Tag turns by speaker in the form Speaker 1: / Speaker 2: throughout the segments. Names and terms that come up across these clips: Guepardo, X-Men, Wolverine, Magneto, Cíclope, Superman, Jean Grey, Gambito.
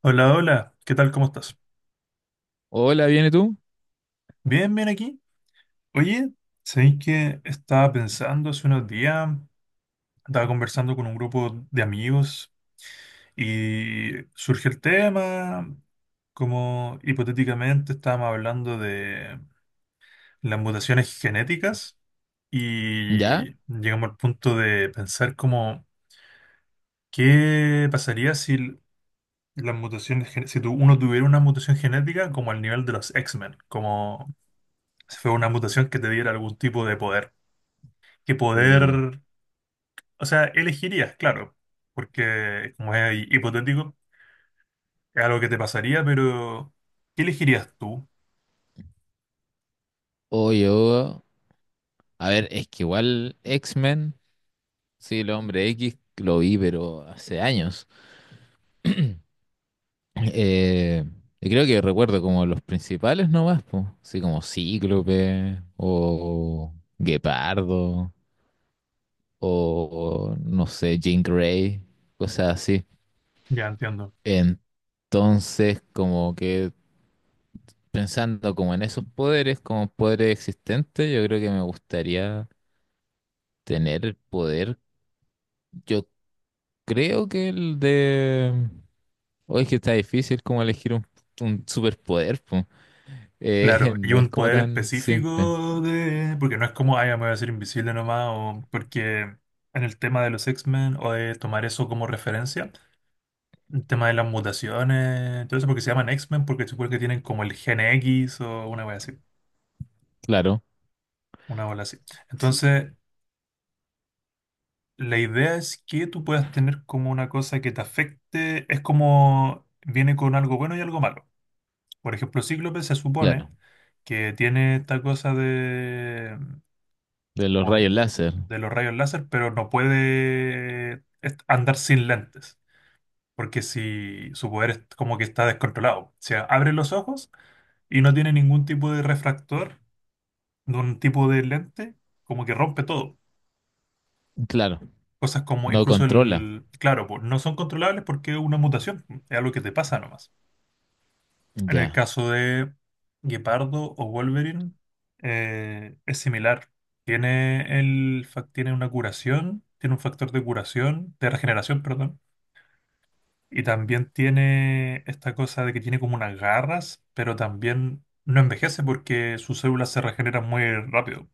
Speaker 1: Hola, hola, ¿qué tal? ¿Cómo estás?
Speaker 2: Hola, ¿viene tú?
Speaker 1: Bien, bien aquí. Oye, ¿sabéis que estaba pensando hace unos días? Estaba conversando con un grupo de amigos y surge el tema, como hipotéticamente estábamos hablando de las mutaciones genéticas
Speaker 2: ¿Ya?
Speaker 1: y llegamos al punto de pensar como, ¿qué pasaría si las mutaciones, gen- si tu- uno tuviera una mutación genética como al nivel de los X-Men? Como si fue una mutación que te diera algún tipo de poder. Que
Speaker 2: Uh,
Speaker 1: poder, o sea, elegirías, claro, porque como es hipotético, es algo que te pasaría, pero ¿qué elegirías tú?
Speaker 2: O yo, a ver, es que igual X-Men, sí, el hombre X lo vi, pero hace años. Eh, y creo que recuerdo como los principales nomás, pues, así como Cíclope o Guepardo o no sé, Jean Grey, cosas así.
Speaker 1: Ya entiendo.
Speaker 2: Entonces, como que pensando como en esos poderes, como poderes existentes, yo creo que me gustaría tener el poder. Yo creo que el de... Oye, es que está difícil como elegir un superpoder, po.
Speaker 1: Claro, y
Speaker 2: No es
Speaker 1: un
Speaker 2: como
Speaker 1: poder
Speaker 2: tan simple.
Speaker 1: específico de... Porque no es como, ay, ya me voy a hacer invisible nomás, o porque en el tema de los X-Men, o de tomar eso como referencia, el tema de las mutaciones, entonces porque se llaman X-Men, porque supongo que tienen como el gen X o una wea así,
Speaker 2: Claro,
Speaker 1: una bola así.
Speaker 2: sí,
Speaker 1: Entonces, la idea es que tú puedas tener como una cosa que te afecte, es como viene con algo bueno y algo malo. Por ejemplo, Cíclope se
Speaker 2: claro.
Speaker 1: supone que tiene esta cosa de,
Speaker 2: De los
Speaker 1: o
Speaker 2: rayos láser.
Speaker 1: de los rayos láser, pero no puede andar sin lentes, porque si su poder es como que está descontrolado. O sea, abre los ojos y no tiene ningún tipo de refractor, de un tipo de lente, como que rompe todo.
Speaker 2: Claro,
Speaker 1: Cosas como
Speaker 2: no
Speaker 1: incluso
Speaker 2: controla.
Speaker 1: el, claro, po, no son controlables porque es una mutación, es algo que te pasa nomás. En el
Speaker 2: Ya.
Speaker 1: caso de Guepardo o Wolverine, es similar. Tiene, el, tiene una curación, tiene un factor de curación, de regeneración, perdón. Y también tiene esta cosa de que tiene como unas garras, pero también no envejece porque sus células se regeneran muy rápido.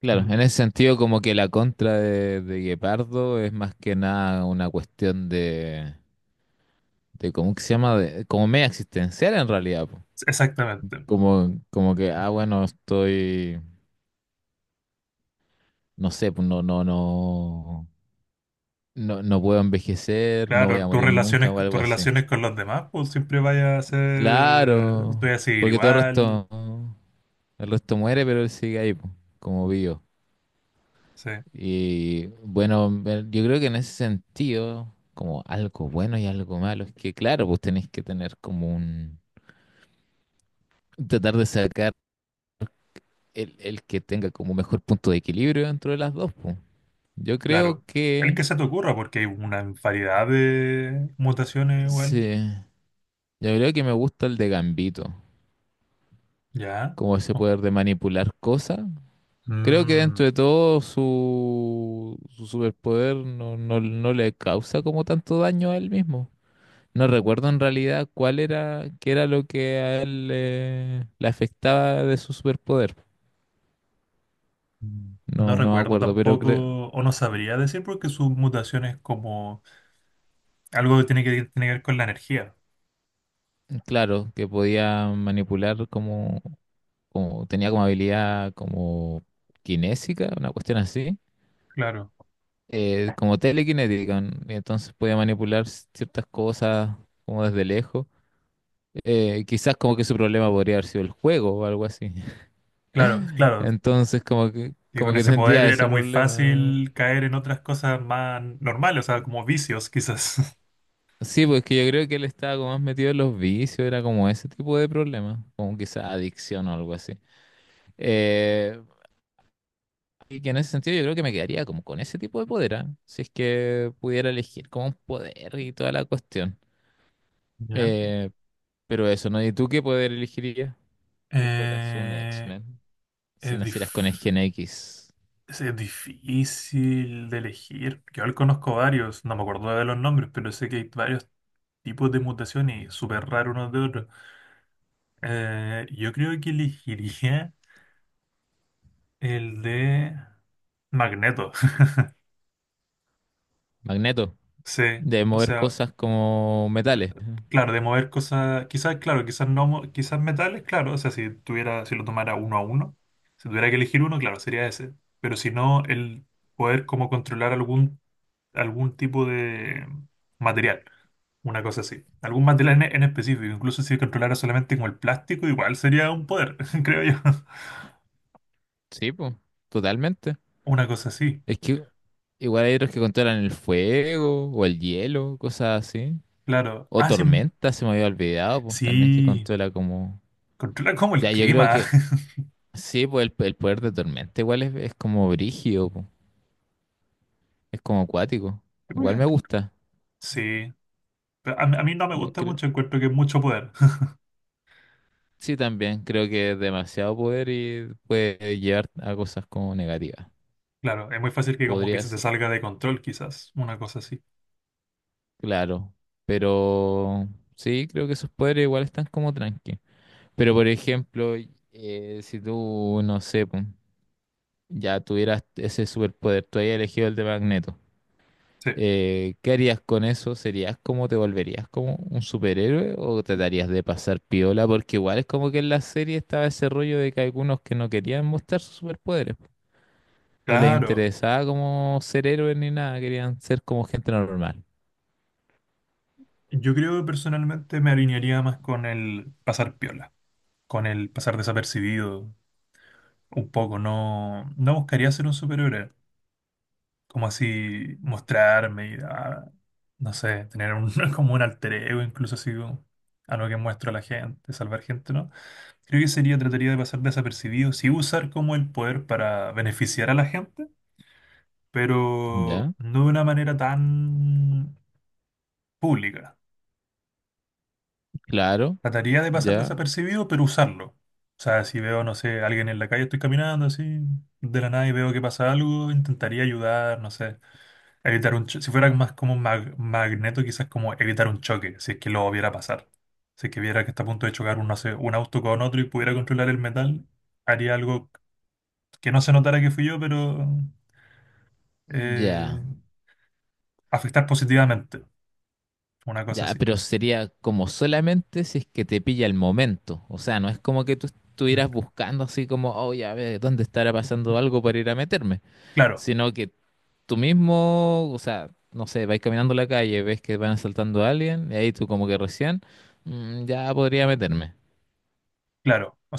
Speaker 2: Claro,
Speaker 1: Mm,
Speaker 2: en ese sentido como que la contra de Guepardo es más que nada una cuestión de ¿cómo que se llama? De, como media existencial en realidad, po.
Speaker 1: exactamente.
Speaker 2: Como, como que, ah, bueno, estoy, no sé, pues no, no, no. No, no puedo envejecer, no voy
Speaker 1: Claro,
Speaker 2: a morir nunca o algo
Speaker 1: tus
Speaker 2: así.
Speaker 1: relaciones con los demás, pues siempre vaya a ser,
Speaker 2: Claro,
Speaker 1: tú vas a seguir
Speaker 2: porque todo
Speaker 1: igual,
Speaker 2: el resto muere, pero él sigue ahí, po, como vivo.
Speaker 1: sí,
Speaker 2: Y bueno, yo creo que en ese sentido, como algo bueno y algo malo, es que claro, pues tenés que tener como un, tratar de sacar el que tenga como mejor punto de equilibrio dentro de las dos, pues. Yo creo
Speaker 1: claro. El
Speaker 2: que,
Speaker 1: que se te ocurra, porque hay una variedad de mutaciones igual,
Speaker 2: sí, yo creo que me gusta el de Gambito,
Speaker 1: ya.
Speaker 2: como ese
Speaker 1: Oh,
Speaker 2: poder de manipular cosas. Creo que dentro
Speaker 1: mm,
Speaker 2: de todo su superpoder no le causa como tanto daño a él mismo. No recuerdo en realidad cuál era, qué era lo que a él le afectaba de su superpoder.
Speaker 1: mm, no
Speaker 2: No, no me
Speaker 1: recuerdo
Speaker 2: acuerdo, pero creo,
Speaker 1: tampoco, o no sabría decir, porque su mutación es como algo que tiene que, tiene que ver con la energía.
Speaker 2: claro, que podía manipular tenía como habilidad como kinésica, una cuestión así,
Speaker 1: Claro,
Speaker 2: como telequinética, ¿no? Y entonces podía manipular ciertas cosas como desde lejos. Eh, quizás como que su problema podría haber sido el juego o algo así.
Speaker 1: claro, claro.
Speaker 2: Entonces
Speaker 1: Y
Speaker 2: como
Speaker 1: con
Speaker 2: que
Speaker 1: ese poder
Speaker 2: tendría ese
Speaker 1: era muy
Speaker 2: problema.
Speaker 1: fácil caer en otras cosas más normales, o sea, como vicios quizás.
Speaker 2: Sí, pues que yo creo que él estaba como más metido en los vicios, era como ese tipo de problema, como quizás adicción o algo así. Eh, y que en ese sentido yo creo que me quedaría como con ese tipo de poder, ¿ah? Si es que pudiera elegir como un poder y toda la cuestión.
Speaker 1: Ya.
Speaker 2: Eh, pero eso, ¿no? ¿Y tú qué poder elegirías si fueras un
Speaker 1: Eh,
Speaker 2: X-Men? Si
Speaker 1: es,
Speaker 2: nacieras con el
Speaker 1: dif-
Speaker 2: gen X.
Speaker 1: es difícil de elegir. Yo al conozco varios, no me acuerdo de los nombres, pero sé que hay varios tipos de mutaciones y súper raros unos de otros. Yo creo que elegiría el de Magneto.
Speaker 2: Magneto.
Speaker 1: Sí,
Speaker 2: De
Speaker 1: o
Speaker 2: mover
Speaker 1: sea,
Speaker 2: cosas como
Speaker 1: p-
Speaker 2: metales.
Speaker 1: claro, de mover cosas, quizás, claro, quizás no, quizás metales, claro, o sea, si tuviera, si lo tomara uno a uno, si tuviera que elegir uno, claro, sería ese. Pero si no, el poder como controlar algún tipo de material, una cosa así. Algún material en específico, incluso si controlara solamente como el plástico, igual sería un poder, creo yo.
Speaker 2: Sí, pues, totalmente.
Speaker 1: Una cosa así,
Speaker 2: Es que igual hay otros que controlan el fuego o el hielo, cosas así.
Speaker 1: claro.
Speaker 2: O
Speaker 1: Ah, sí,
Speaker 2: tormenta, se me había olvidado, pues también que
Speaker 1: sí,
Speaker 2: controla como...
Speaker 1: controla como el
Speaker 2: Ya, yo creo
Speaker 1: clima.
Speaker 2: que sí, pues el poder de tormenta igual es como brígido, pues. Es como acuático.
Speaker 1: ¿Qué voy a
Speaker 2: Igual me gusta.
Speaker 1: sí, pero a mí no me
Speaker 2: me
Speaker 1: gusta
Speaker 2: creo-
Speaker 1: mucho, encuentro que es mucho poder.
Speaker 2: Sí, también creo que es demasiado poder y puede llevar a cosas como negativas.
Speaker 1: Claro, es muy fácil que como que
Speaker 2: Podría.
Speaker 1: se te salga de control, quizás, una cosa así.
Speaker 2: Claro, pero sí, creo que sus poderes igual están como tranqui. Pero por ejemplo, si tú, no sé, pum, ya tuvieras ese superpoder, tú hayas elegido el de Magneto,
Speaker 1: Sí,
Speaker 2: ¿qué harías con eso? ¿Serías como, te volverías como un superhéroe o te darías de pasar piola? Porque igual es como que en la serie estaba ese rollo de que algunos que no querían mostrar sus superpoderes, no les
Speaker 1: claro.
Speaker 2: interesaba como ser héroes ni nada, querían ser como gente normal.
Speaker 1: Yo creo que personalmente me alinearía más con el pasar piola, con el pasar desapercibido, un poco, no, no buscaría ser un superhéroe, como así mostrarme y ah, no sé, tener un, como un alter ego, incluso así como algo que muestro a la gente, salvar gente, ¿no? Creo que sería, trataría de pasar desapercibido, sí usar como el poder para beneficiar a la gente, pero
Speaker 2: ¿Ya?
Speaker 1: no de una manera tan pública.
Speaker 2: Claro.
Speaker 1: Trataría de pasar
Speaker 2: Ya,
Speaker 1: desapercibido, pero usarlo. O sea, si veo, no sé, alguien en la calle, estoy caminando así, de la nada y veo que pasa algo, intentaría ayudar, no sé evitar un si fuera más como un magneto, quizás como evitar un choque, si es que lo viera pasar. Si es que viera que está a punto de chocar un, no sé, un auto con otro y pudiera controlar el metal, haría algo que no se notara que fui yo, pero eh,
Speaker 2: ya,
Speaker 1: afectar positivamente, una cosa
Speaker 2: ya,
Speaker 1: así.
Speaker 2: pero sería como solamente si es que te pilla el momento. O sea, no es como que tú
Speaker 1: Mm,
Speaker 2: estuvieras buscando así como, oh, ya ve, ¿dónde estará pasando algo para ir a meterme?
Speaker 1: claro,
Speaker 2: Sino que tú mismo, o sea, no sé, vais caminando la calle, ves que van asaltando a alguien, y ahí tú como que recién, "Mm, ya podría meterme."
Speaker 1: claro. O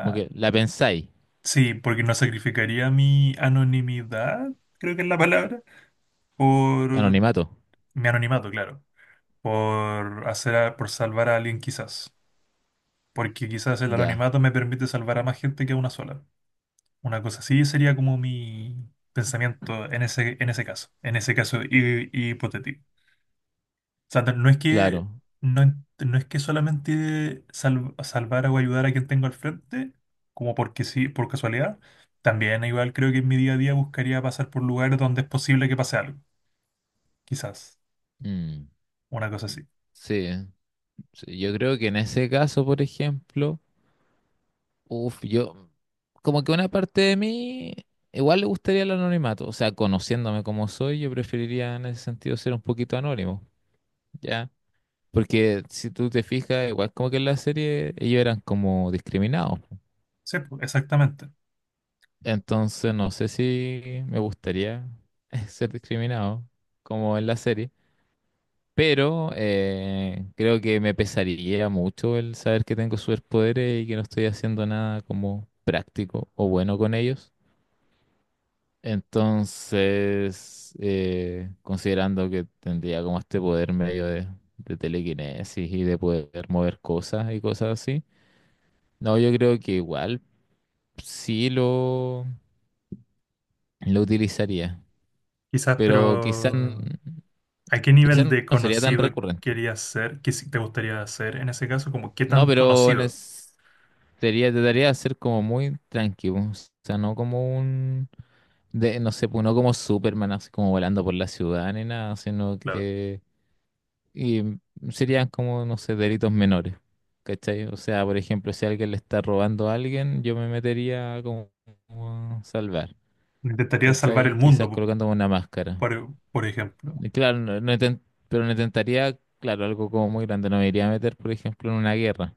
Speaker 2: Como que la pensáis,
Speaker 1: sí, porque no sacrificaría mi anonimidad, creo que es la palabra, por
Speaker 2: anonimato.
Speaker 1: mi anonimato, claro, por hacer, por salvar a alguien quizás. Porque quizás el
Speaker 2: Ya,
Speaker 1: anonimato me permite salvar a más gente que a una sola. Una cosa así sería como mi pensamiento en ese caso hipotético. O sea, no no es que,
Speaker 2: claro.
Speaker 1: no, no es que solamente salvar o ayudar a quien tengo al frente, como porque sí, por casualidad. También igual creo que en mi día a día buscaría pasar por lugares donde es posible que pase algo, quizás,
Speaker 2: Mm,
Speaker 1: una cosa así.
Speaker 2: sí, sí, yo creo que en ese caso, por ejemplo. Uf, yo, como que una parte de mí igual le gustaría el anonimato, o sea, conociéndome como soy, yo preferiría en ese sentido ser un poquito anónimo, ¿ya? Porque si tú te fijas, igual como que en la serie ellos eran como discriminados.
Speaker 1: Sí, pues, exactamente.
Speaker 2: Entonces no sé si me gustaría ser discriminado como en la serie, pero creo que me pesaría mucho el saber que tengo superpoderes y que no estoy haciendo nada como práctico o bueno con ellos. Entonces, considerando que tendría como este poder medio de telequinesis y de poder mover cosas y cosas así, no, yo creo que igual sí lo utilizaría,
Speaker 1: Quizás,
Speaker 2: pero
Speaker 1: pero... ¿A qué
Speaker 2: quizás
Speaker 1: nivel de
Speaker 2: no sería tan
Speaker 1: conocido
Speaker 2: recurrente.
Speaker 1: querías ser? ¿Qué te gustaría ser en ese caso? Como, ¿qué
Speaker 2: No,
Speaker 1: tan
Speaker 2: pero en
Speaker 1: conocido?
Speaker 2: es- sería, trataría de ser como muy tranquilo, o sea, no como un, de, no sé, pues, no como Superman, así como volando por la ciudad ni nada, sino
Speaker 1: Claro.
Speaker 2: que... Y serían como, no sé, delitos menores, ¿cachai? O sea, por ejemplo, si alguien le está robando a alguien, yo me metería como a salvar,
Speaker 1: Intentaría salvar el
Speaker 2: ¿cachai? Quizás
Speaker 1: mundo,
Speaker 2: colocándome una máscara.
Speaker 1: por ejemplo.
Speaker 2: Y claro, pero no intentaría, claro, algo como muy grande. No me iría a meter, por ejemplo, en una guerra.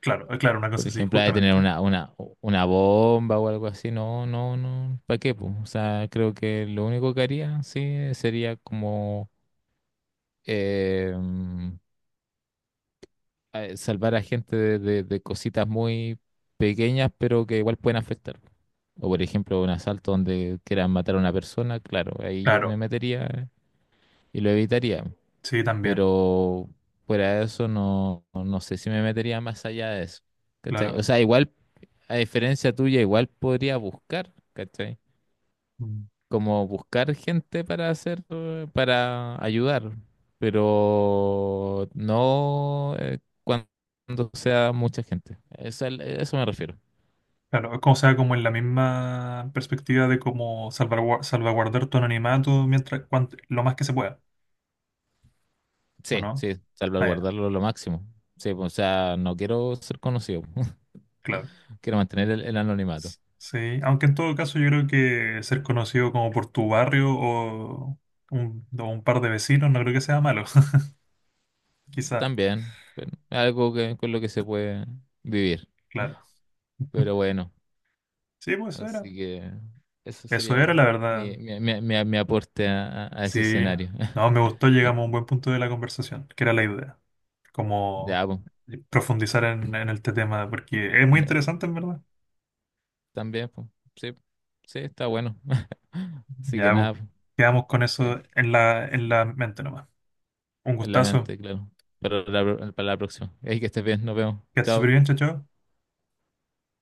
Speaker 1: Claro, claro, una cosa
Speaker 2: Por
Speaker 1: así,
Speaker 2: ejemplo, a tener
Speaker 1: justamente.
Speaker 2: una bomba o algo así. No, no, no. ¿Para qué, po? O sea, creo que lo único que haría, sí, sería como... em, salvar a gente de, de cositas muy pequeñas, pero que igual pueden afectar. O por ejemplo, un asalto donde quieran matar a una persona, claro, ahí yo me
Speaker 1: Claro,
Speaker 2: metería y lo evitaría.
Speaker 1: sí, también.
Speaker 2: Pero fuera de eso, no, no sé si me metería más allá de eso. ¿Cachai? O
Speaker 1: Claro.
Speaker 2: sea, igual, a diferencia tuya, igual podría buscar, ¿cachai?
Speaker 1: Mm.
Speaker 2: Como buscar gente para hacer, para ayudar, pero no cuando sea mucha gente. Eso, eso me refiero.
Speaker 1: Claro, es como sea, como en la misma perspectiva de cómo salvaguardar tu anonimato mientras, lo más que se pueda, ¿o
Speaker 2: Sí,
Speaker 1: no?
Speaker 2: sí,
Speaker 1: Ah, ya,
Speaker 2: salvaguardarlo lo máximo. Sí, pues, o sea, no quiero ser conocido,
Speaker 1: claro.
Speaker 2: quiero mantener el anonimato.
Speaker 1: Sí, aunque en todo caso yo creo que ser conocido como por tu barrio o un par de vecinos no creo que sea malo, quizá,
Speaker 2: También, bueno, algo que, con lo que se puede vivir.
Speaker 1: claro.
Speaker 2: Pero bueno,
Speaker 1: Sí, pues eso era.
Speaker 2: así que eso
Speaker 1: Eso
Speaker 2: sería
Speaker 1: era la verdad.
Speaker 2: mi aporte a, a ese
Speaker 1: Sí,
Speaker 2: escenario.
Speaker 1: no, me gustó, llegamos a un buen punto de la conversación, que era la idea, como
Speaker 2: Ya,
Speaker 1: profundizar en este tema, porque es muy
Speaker 2: pues.
Speaker 1: interesante en verdad.
Speaker 2: También, pues, sí, sí, está bueno. Así que
Speaker 1: Ya, pues,
Speaker 2: nada, pues,
Speaker 1: quedamos con
Speaker 2: ya,
Speaker 1: eso en la mente nomás. Un
Speaker 2: en la
Speaker 1: gustazo,
Speaker 2: mente, claro. Pero para la próxima. Ahí que estés bien, nos vemos.
Speaker 1: que estés súper
Speaker 2: Chao.
Speaker 1: bien, chao, chao.